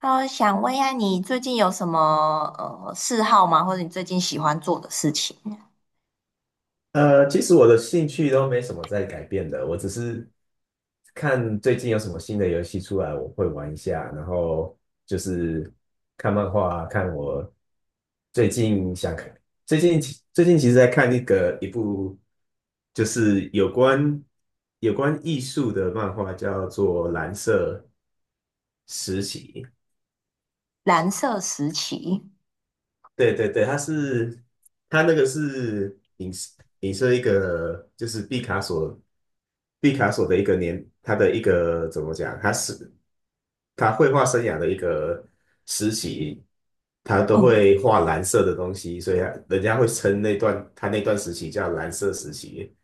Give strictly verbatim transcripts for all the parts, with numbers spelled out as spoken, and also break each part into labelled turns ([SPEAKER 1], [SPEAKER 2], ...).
[SPEAKER 1] 哦，想问一下，你最近有什么呃嗜好吗？或者你最近喜欢做的事情？
[SPEAKER 2] 呃，其实我的兴趣都没什么在改变的，我只是看最近有什么新的游戏出来，我会玩一下，然后就是看漫画，看我最近想看，最近最近其实在看一个一部就是有关有关艺术的漫画，叫做《蓝色实习》，
[SPEAKER 1] 蓝色时期。
[SPEAKER 2] 对对对，它是它那个是影射影射一个就是毕卡索。毕卡索的一个年，他的一个怎么讲，他是他绘画生涯的一个时期，他都
[SPEAKER 1] 哦
[SPEAKER 2] 会画蓝色的东西，所以他人家会称那段他那段时期叫蓝色时期。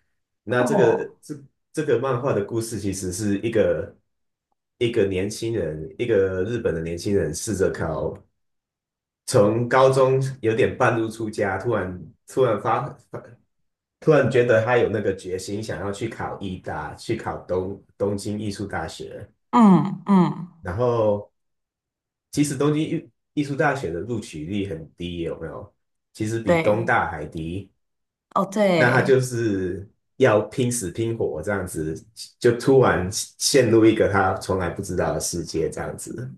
[SPEAKER 2] 那这
[SPEAKER 1] 哦。
[SPEAKER 2] 个这这个漫画的故事，其实是一个一个年轻人，一个日本的年轻人，试着考从高中有点半路出家，突然突然发发突然觉得他有那个决心，想要去考艺大，去考东东京艺术大学。
[SPEAKER 1] 嗯嗯。
[SPEAKER 2] 然后，其实东京艺艺术大学的录取率很低，有没有？其实比东
[SPEAKER 1] 对。
[SPEAKER 2] 大还低。
[SPEAKER 1] 哦
[SPEAKER 2] 那他就
[SPEAKER 1] 对。
[SPEAKER 2] 是要拼死拼活这样子，就突然陷入一个他从来不知道的世界这样子。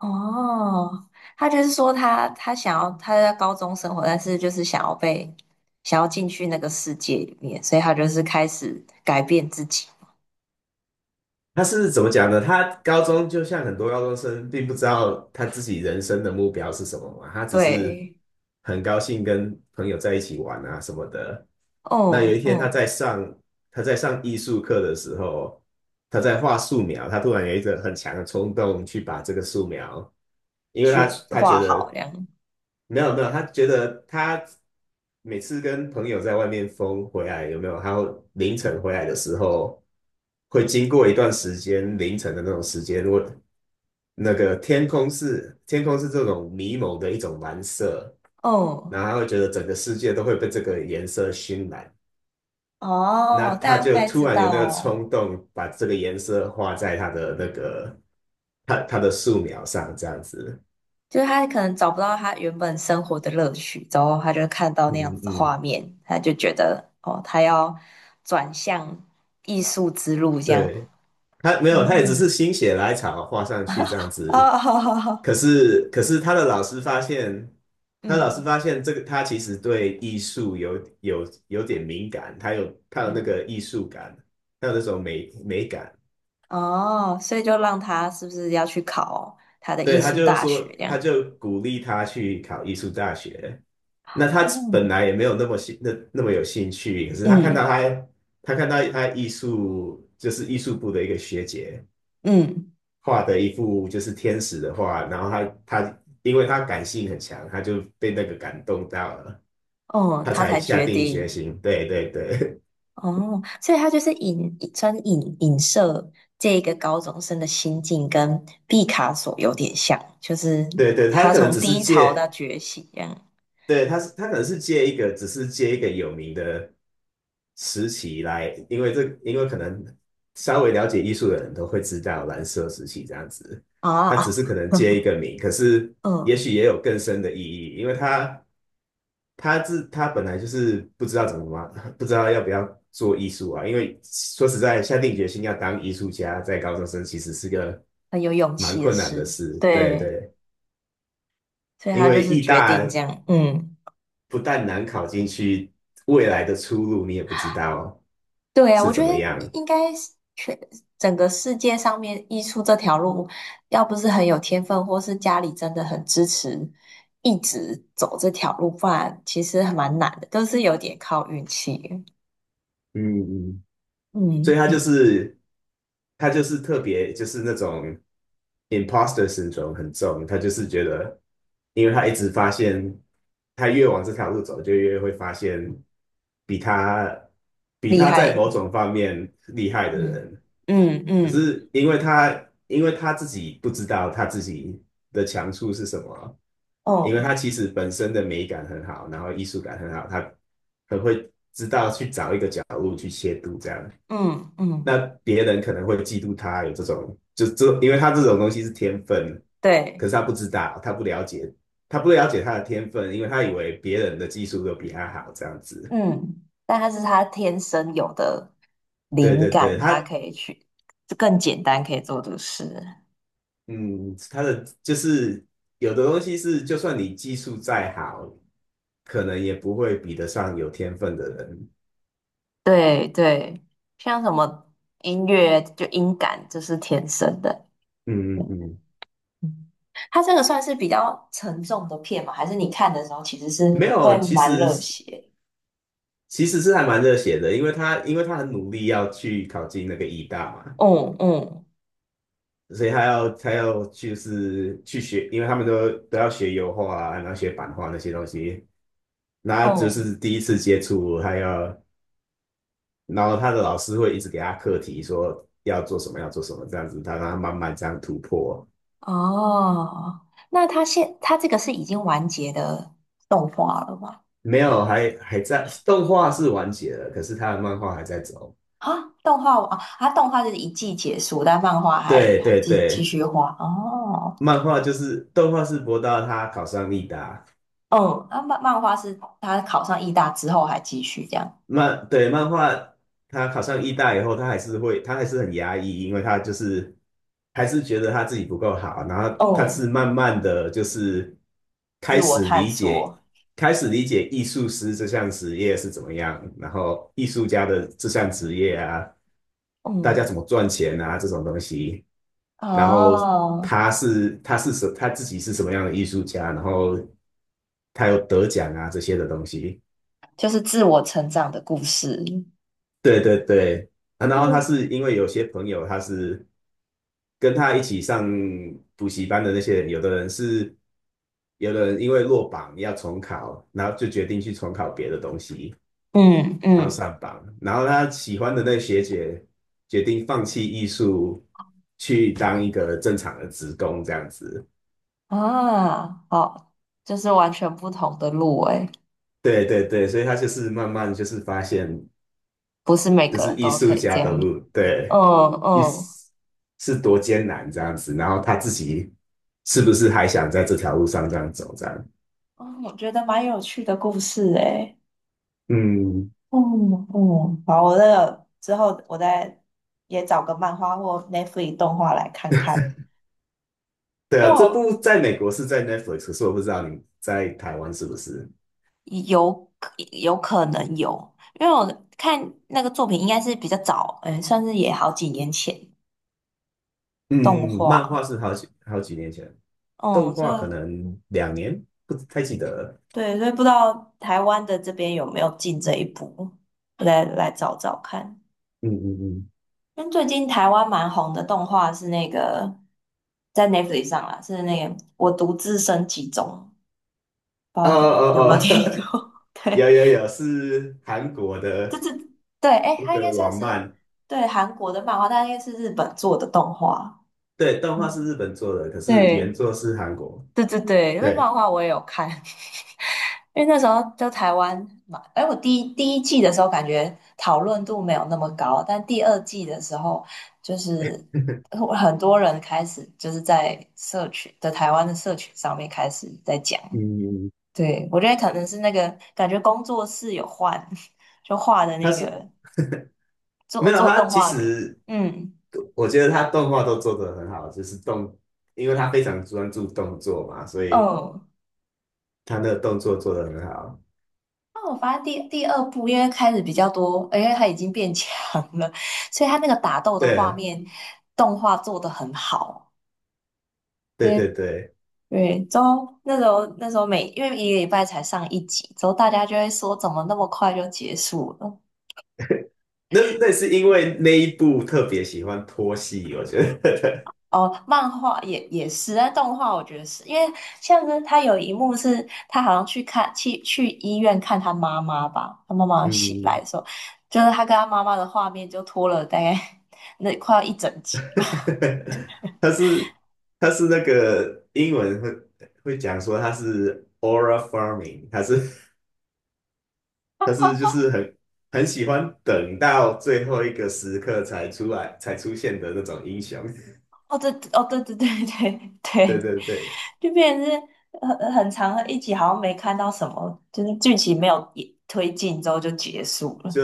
[SPEAKER 1] 哦，他就是说他他想要他在高中生活，但是就是想要被想要进去那个世界里面，所以他就是开始改变自己。
[SPEAKER 2] 他是怎么讲呢？他高中就像很多高中生，并不知道他自己人生的目标是什么嘛，他只是
[SPEAKER 1] 对。
[SPEAKER 2] 很高兴跟朋友在一起玩啊什么的。那有
[SPEAKER 1] 哦
[SPEAKER 2] 一天他
[SPEAKER 1] 哦。
[SPEAKER 2] 在上他在上艺术课的时候，他在画素描，他突然有一个很强的冲动去把这个素描，因为他
[SPEAKER 1] 学
[SPEAKER 2] 他觉
[SPEAKER 1] 画好
[SPEAKER 2] 得
[SPEAKER 1] 这样。
[SPEAKER 2] 没有没有，他觉得他每次跟朋友在外面疯回来，有没有？他会凌晨回来的时候，会经过一段时间凌晨的那种时间，如果那个天空是天空是这种迷蒙的一种蓝色，
[SPEAKER 1] 哦
[SPEAKER 2] 然后他会觉得整个世界都会被这个颜色熏染，那
[SPEAKER 1] 哦，
[SPEAKER 2] 他
[SPEAKER 1] 大
[SPEAKER 2] 就
[SPEAKER 1] 概
[SPEAKER 2] 突
[SPEAKER 1] 知
[SPEAKER 2] 然有
[SPEAKER 1] 道
[SPEAKER 2] 那个
[SPEAKER 1] 哦。
[SPEAKER 2] 冲动，把这个颜色画在他的那个他他的素描上，这样子。
[SPEAKER 1] 就是他可能找不到他原本生活的乐趣，之后他就看到那样
[SPEAKER 2] 嗯嗯，
[SPEAKER 1] 子的画
[SPEAKER 2] 嗯
[SPEAKER 1] 面，他就觉得哦，他要转向艺术之路这样。
[SPEAKER 2] 对。他没有，他也只
[SPEAKER 1] 哦。
[SPEAKER 2] 是心血来潮画上去这样子。
[SPEAKER 1] 哦，好好好。
[SPEAKER 2] 可是，可是他的老师发现，他的老师
[SPEAKER 1] 嗯
[SPEAKER 2] 发现这个他其实对艺术有有有点敏感，他有他有那
[SPEAKER 1] 嗯。
[SPEAKER 2] 个艺术感，他有那种美美感。
[SPEAKER 1] 哦，所以就让他是不是要去考他的艺
[SPEAKER 2] 对，他
[SPEAKER 1] 术
[SPEAKER 2] 就
[SPEAKER 1] 大学
[SPEAKER 2] 说，
[SPEAKER 1] 这样？
[SPEAKER 2] 他就鼓励他去考艺术大学。那他
[SPEAKER 1] 哦。
[SPEAKER 2] 本来也没有那么兴那那么有兴趣，可是他看到
[SPEAKER 1] 嗯
[SPEAKER 2] 他他看到他艺术就是艺术部的一个学姐，
[SPEAKER 1] 嗯。
[SPEAKER 2] 画的一幅就是天使的画，然后他他因为他感性很强，他就被那个感动到了，
[SPEAKER 1] 哦，
[SPEAKER 2] 他
[SPEAKER 1] 他
[SPEAKER 2] 才
[SPEAKER 1] 才
[SPEAKER 2] 下
[SPEAKER 1] 决
[SPEAKER 2] 定决
[SPEAKER 1] 定。
[SPEAKER 2] 心。对对对
[SPEAKER 1] 哦，所以他就是影专影影射这个高中生的心境，跟毕卡索有点像，就是
[SPEAKER 2] 对对，他
[SPEAKER 1] 他
[SPEAKER 2] 可能
[SPEAKER 1] 从
[SPEAKER 2] 只是
[SPEAKER 1] 低潮到
[SPEAKER 2] 借，
[SPEAKER 1] 觉醒这样。
[SPEAKER 2] 对他是他可能是借一个，只是借一个有名的时期来，因为这因为可能稍微了解艺术的人都会知道蓝色时期这样子，
[SPEAKER 1] 啊
[SPEAKER 2] 他只是
[SPEAKER 1] 啊。
[SPEAKER 2] 可能借一个名，可是也
[SPEAKER 1] 嗯。
[SPEAKER 2] 许也有更深的意义，因为他。他自他本来就是不知道怎么嘛，不知道要不要做艺术啊。因为说实在，下定决心要当艺术家，在高中生其实是个
[SPEAKER 1] 很有勇
[SPEAKER 2] 蛮
[SPEAKER 1] 气的
[SPEAKER 2] 困难的
[SPEAKER 1] 事。
[SPEAKER 2] 事。对
[SPEAKER 1] 对，
[SPEAKER 2] 对，
[SPEAKER 1] 所以
[SPEAKER 2] 因
[SPEAKER 1] 他就
[SPEAKER 2] 为
[SPEAKER 1] 是
[SPEAKER 2] 艺
[SPEAKER 1] 决
[SPEAKER 2] 大
[SPEAKER 1] 定这样。嗯。
[SPEAKER 2] 不但难考进去，未来的出路你也不知道
[SPEAKER 1] 对啊，
[SPEAKER 2] 是
[SPEAKER 1] 我觉
[SPEAKER 2] 怎
[SPEAKER 1] 得
[SPEAKER 2] 么样。
[SPEAKER 1] 应该是全整个世界上面艺术这条路，要不是很有天分，或是家里真的很支持，一直走这条路，不然其实还蛮难的，都是有点靠运气。
[SPEAKER 2] 嗯嗯，所
[SPEAKER 1] 嗯
[SPEAKER 2] 以他就
[SPEAKER 1] 嗯。
[SPEAKER 2] 是他就是特别就是那种 imposter syndrome 很重，他就是觉得，因为他一直发现，他越往这条路走，就越会发现比他比
[SPEAKER 1] 厉
[SPEAKER 2] 他在
[SPEAKER 1] 害。
[SPEAKER 2] 某种方面厉害的
[SPEAKER 1] 嗯。
[SPEAKER 2] 人。
[SPEAKER 1] 嗯
[SPEAKER 2] 可
[SPEAKER 1] 嗯。
[SPEAKER 2] 是因为他因为他自己不知道他自己的强处是什么，因
[SPEAKER 1] 哦。
[SPEAKER 2] 为他其实本身的美感很好，然后艺术感很好，他很会知道去找一些度这样。
[SPEAKER 1] 嗯嗯。
[SPEAKER 2] 那别人可能会嫉妒他有这种，就这，因为他这种东西是天分，可
[SPEAKER 1] 对。
[SPEAKER 2] 是他不知道，他不了解，他不了解他的天分，因为他以为别人的技术都比他好，这样子。
[SPEAKER 1] 嗯。但他是他天生有的
[SPEAKER 2] 对
[SPEAKER 1] 灵
[SPEAKER 2] 对对，
[SPEAKER 1] 感，
[SPEAKER 2] 他
[SPEAKER 1] 他可以去更简单可以做的事。
[SPEAKER 2] 嗯，他的就是有的东西是，就算你技术再好，可能也不会比得上有天分的人。
[SPEAKER 1] 对对。像什么音乐就音感就是天生的。
[SPEAKER 2] 嗯嗯
[SPEAKER 1] 嗯。
[SPEAKER 2] 嗯，
[SPEAKER 1] 它这个算是比较沉重的片吗？还是你看的时候其实是
[SPEAKER 2] 没
[SPEAKER 1] 会
[SPEAKER 2] 有，其
[SPEAKER 1] 蛮
[SPEAKER 2] 实
[SPEAKER 1] 热
[SPEAKER 2] 是
[SPEAKER 1] 血？
[SPEAKER 2] 其实是还蛮热血的，因为他因为他很努力要去考进那个医大嘛。
[SPEAKER 1] 嗯嗯
[SPEAKER 2] 所以他要他要就是去学，因为他们都都要学油画啊，然后学版画那些东西，那他就
[SPEAKER 1] 嗯。
[SPEAKER 2] 是第一次接触，还要，然后他的老师会一直给他课题，说要做什么要做什么这样子，他让他慢慢这样突破。
[SPEAKER 1] 哦，那他现他这个是已经完结的动画了吗？
[SPEAKER 2] 没有，还还在动画是完结了，可是他的漫画还在走。
[SPEAKER 1] 啊，动画啊，它动画就是一季结束，但漫画还
[SPEAKER 2] 对
[SPEAKER 1] 还
[SPEAKER 2] 对
[SPEAKER 1] 继继
[SPEAKER 2] 对，
[SPEAKER 1] 续画。哦。
[SPEAKER 2] 漫画就是动画是博到他考上立达。
[SPEAKER 1] 嗯，那漫漫画是他考上艺大之后还继续这样。
[SPEAKER 2] 漫对漫画，他考上艺大以后，他还是会，他还是很压抑，因为他就是还是觉得他自己不够好，然后他
[SPEAKER 1] 嗯，
[SPEAKER 2] 是慢慢的就是
[SPEAKER 1] 自
[SPEAKER 2] 开
[SPEAKER 1] 我
[SPEAKER 2] 始
[SPEAKER 1] 探
[SPEAKER 2] 理解，
[SPEAKER 1] 索。
[SPEAKER 2] 开始理解艺术师这项职业是怎么样，然后艺术家的这项职业啊，大家
[SPEAKER 1] 嗯。
[SPEAKER 2] 怎么赚钱啊这种东西，然后
[SPEAKER 1] 哦，
[SPEAKER 2] 他是他是什他自己是什么样的艺术家，然后他有得奖啊这些的东西。
[SPEAKER 1] 就是自我成长的故事。
[SPEAKER 2] 对对对，啊然后他
[SPEAKER 1] 嗯。
[SPEAKER 2] 是因为有些朋友他是跟他一起上补习班的那些人，有的人是，有的人因为落榜要重考，然后就决定去重考别的东西，
[SPEAKER 1] 嗯
[SPEAKER 2] 然后
[SPEAKER 1] 嗯。
[SPEAKER 2] 上榜，然后他喜欢的那个学姐决定放弃艺术，去当一个正常的职工这样子。
[SPEAKER 1] 啊，好，就是完全不同的路诶。
[SPEAKER 2] 对对对，所以他就是慢慢就是发现。
[SPEAKER 1] 不是每
[SPEAKER 2] 就
[SPEAKER 1] 个
[SPEAKER 2] 是
[SPEAKER 1] 人
[SPEAKER 2] 艺
[SPEAKER 1] 都可
[SPEAKER 2] 术
[SPEAKER 1] 以这
[SPEAKER 2] 家的
[SPEAKER 1] 样。
[SPEAKER 2] 路，对，
[SPEAKER 1] 嗯
[SPEAKER 2] 艺
[SPEAKER 1] 嗯。
[SPEAKER 2] 术是多艰难这样子，然后他自己是不是还想在这条路上这样走这样？
[SPEAKER 1] 嗯，我觉得蛮有趣的故事诶。
[SPEAKER 2] 嗯，
[SPEAKER 1] 嗯嗯。好，我那个之后我再也找个漫画或 Netflix 动画来看看。
[SPEAKER 2] 对
[SPEAKER 1] 因为
[SPEAKER 2] 啊，这
[SPEAKER 1] 我
[SPEAKER 2] 部在美国是在 Netflix,可是我不知道你在台湾是不是？
[SPEAKER 1] 有。有可能有，因为我看那个作品应该是比较早。嗯，算是也好几年前动
[SPEAKER 2] 嗯，漫画
[SPEAKER 1] 画。
[SPEAKER 2] 是好几好几年前，动
[SPEAKER 1] 嗯，所
[SPEAKER 2] 画可
[SPEAKER 1] 以
[SPEAKER 2] 能两年，不太记得了。
[SPEAKER 1] 对，所以不知道台湾的这边有没有进这一步，我再来找找看。
[SPEAKER 2] 嗯嗯嗯，
[SPEAKER 1] 因为最近台湾蛮红的动画是那个在 Netflix 上啦，是那个《我独自升级中》，不知
[SPEAKER 2] 哦
[SPEAKER 1] 道你有没有
[SPEAKER 2] 哦
[SPEAKER 1] 听
[SPEAKER 2] 哦，
[SPEAKER 1] 过？对。
[SPEAKER 2] 有有有，是韩国
[SPEAKER 1] 就
[SPEAKER 2] 的
[SPEAKER 1] 是对，哎，
[SPEAKER 2] 一
[SPEAKER 1] 它应该
[SPEAKER 2] 个
[SPEAKER 1] 算
[SPEAKER 2] 网
[SPEAKER 1] 是
[SPEAKER 2] 漫，
[SPEAKER 1] 对韩国的漫画，但应该是日本做的动画。
[SPEAKER 2] 对，动画是
[SPEAKER 1] 嗯。
[SPEAKER 2] 日本做的，可是
[SPEAKER 1] 对。
[SPEAKER 2] 原作是韩国。
[SPEAKER 1] 对对对，因为漫
[SPEAKER 2] 对，
[SPEAKER 1] 画我也有看。因为那时候就台湾嘛，哎，我第一第一季的时候感觉讨论度没有那么高，但第二季的时候，就是呃很多人开始就是在社群的台湾的社群上面开始在讲。
[SPEAKER 2] 嗯，
[SPEAKER 1] 对，我觉得可能是那个感觉工作室有换，就画的
[SPEAKER 2] 他
[SPEAKER 1] 那
[SPEAKER 2] 是
[SPEAKER 1] 个做
[SPEAKER 2] 没有
[SPEAKER 1] 做
[SPEAKER 2] 他
[SPEAKER 1] 动
[SPEAKER 2] 其
[SPEAKER 1] 画人。
[SPEAKER 2] 实
[SPEAKER 1] 嗯
[SPEAKER 2] 我觉得他动画都做得很好，就是动，因为他非常专注动作嘛，所以
[SPEAKER 1] 嗯。
[SPEAKER 2] 他那个动作做得很好。
[SPEAKER 1] 那我发现第第二部，因为开始比较多，因为他已经变强了，所以他那个打斗的画
[SPEAKER 2] 对，
[SPEAKER 1] 面动画做得很好。
[SPEAKER 2] 对对
[SPEAKER 1] 对
[SPEAKER 2] 对，
[SPEAKER 1] 对。之后那时候那时候每因为一个礼拜才上一集，之后大家就会说怎么那么快就结束了？
[SPEAKER 2] 那那是因为那一部特别喜欢拖戏，我觉得，
[SPEAKER 1] 哦，漫画也也是，但动画我觉得是因为像是他有一幕是他好像去看去去医院看他妈妈吧，他妈 妈醒来
[SPEAKER 2] 嗯，
[SPEAKER 1] 的时候，就是他跟他妈妈的画面就拖了大概 那快要一整集吧。
[SPEAKER 2] 他是他是那个英文会会讲说他是 aura farming,它是他是就是很很喜欢等到最后一个时刻才出来才出现的那种英雄。
[SPEAKER 1] 哦，对，哦，对对对对
[SPEAKER 2] 对
[SPEAKER 1] 对，
[SPEAKER 2] 对对，
[SPEAKER 1] 就变成是很很长的一集，好像没看到什么，就是剧情没有也推进之后就结束了。
[SPEAKER 2] 就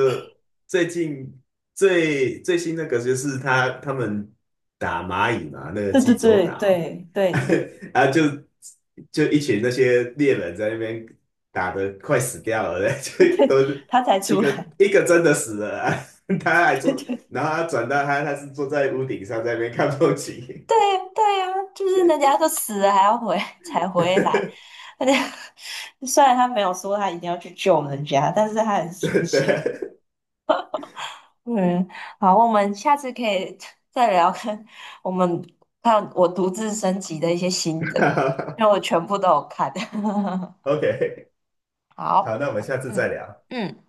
[SPEAKER 2] 最近最最新那个就是他他们打蚂蚁嘛，那个
[SPEAKER 1] 对对
[SPEAKER 2] 济州
[SPEAKER 1] 对
[SPEAKER 2] 岛，
[SPEAKER 1] 对对
[SPEAKER 2] 啊就就一群那些猎人在那边打的快死掉了，就
[SPEAKER 1] 对。
[SPEAKER 2] 都
[SPEAKER 1] 对他才
[SPEAKER 2] 一
[SPEAKER 1] 出
[SPEAKER 2] 个
[SPEAKER 1] 来。
[SPEAKER 2] 一个真的死了啊 他还
[SPEAKER 1] 对
[SPEAKER 2] 坐，
[SPEAKER 1] 对
[SPEAKER 2] 然后他转到他他是坐在屋顶上在那边看风景。
[SPEAKER 1] 对。对呀，就是人家都死了还要回才回来，而且虽然他没有说他一定要去救人家，但是他很出
[SPEAKER 2] 对
[SPEAKER 1] 现。
[SPEAKER 2] ，OK,
[SPEAKER 1] 嗯，好，我们下次可以 再聊看我们看我独自升级的一些心
[SPEAKER 2] 对
[SPEAKER 1] 得，因 为我全部都有看。
[SPEAKER 2] ，OK,好，那
[SPEAKER 1] 好。
[SPEAKER 2] 我们下次再
[SPEAKER 1] 嗯
[SPEAKER 2] 聊。
[SPEAKER 1] 嗯。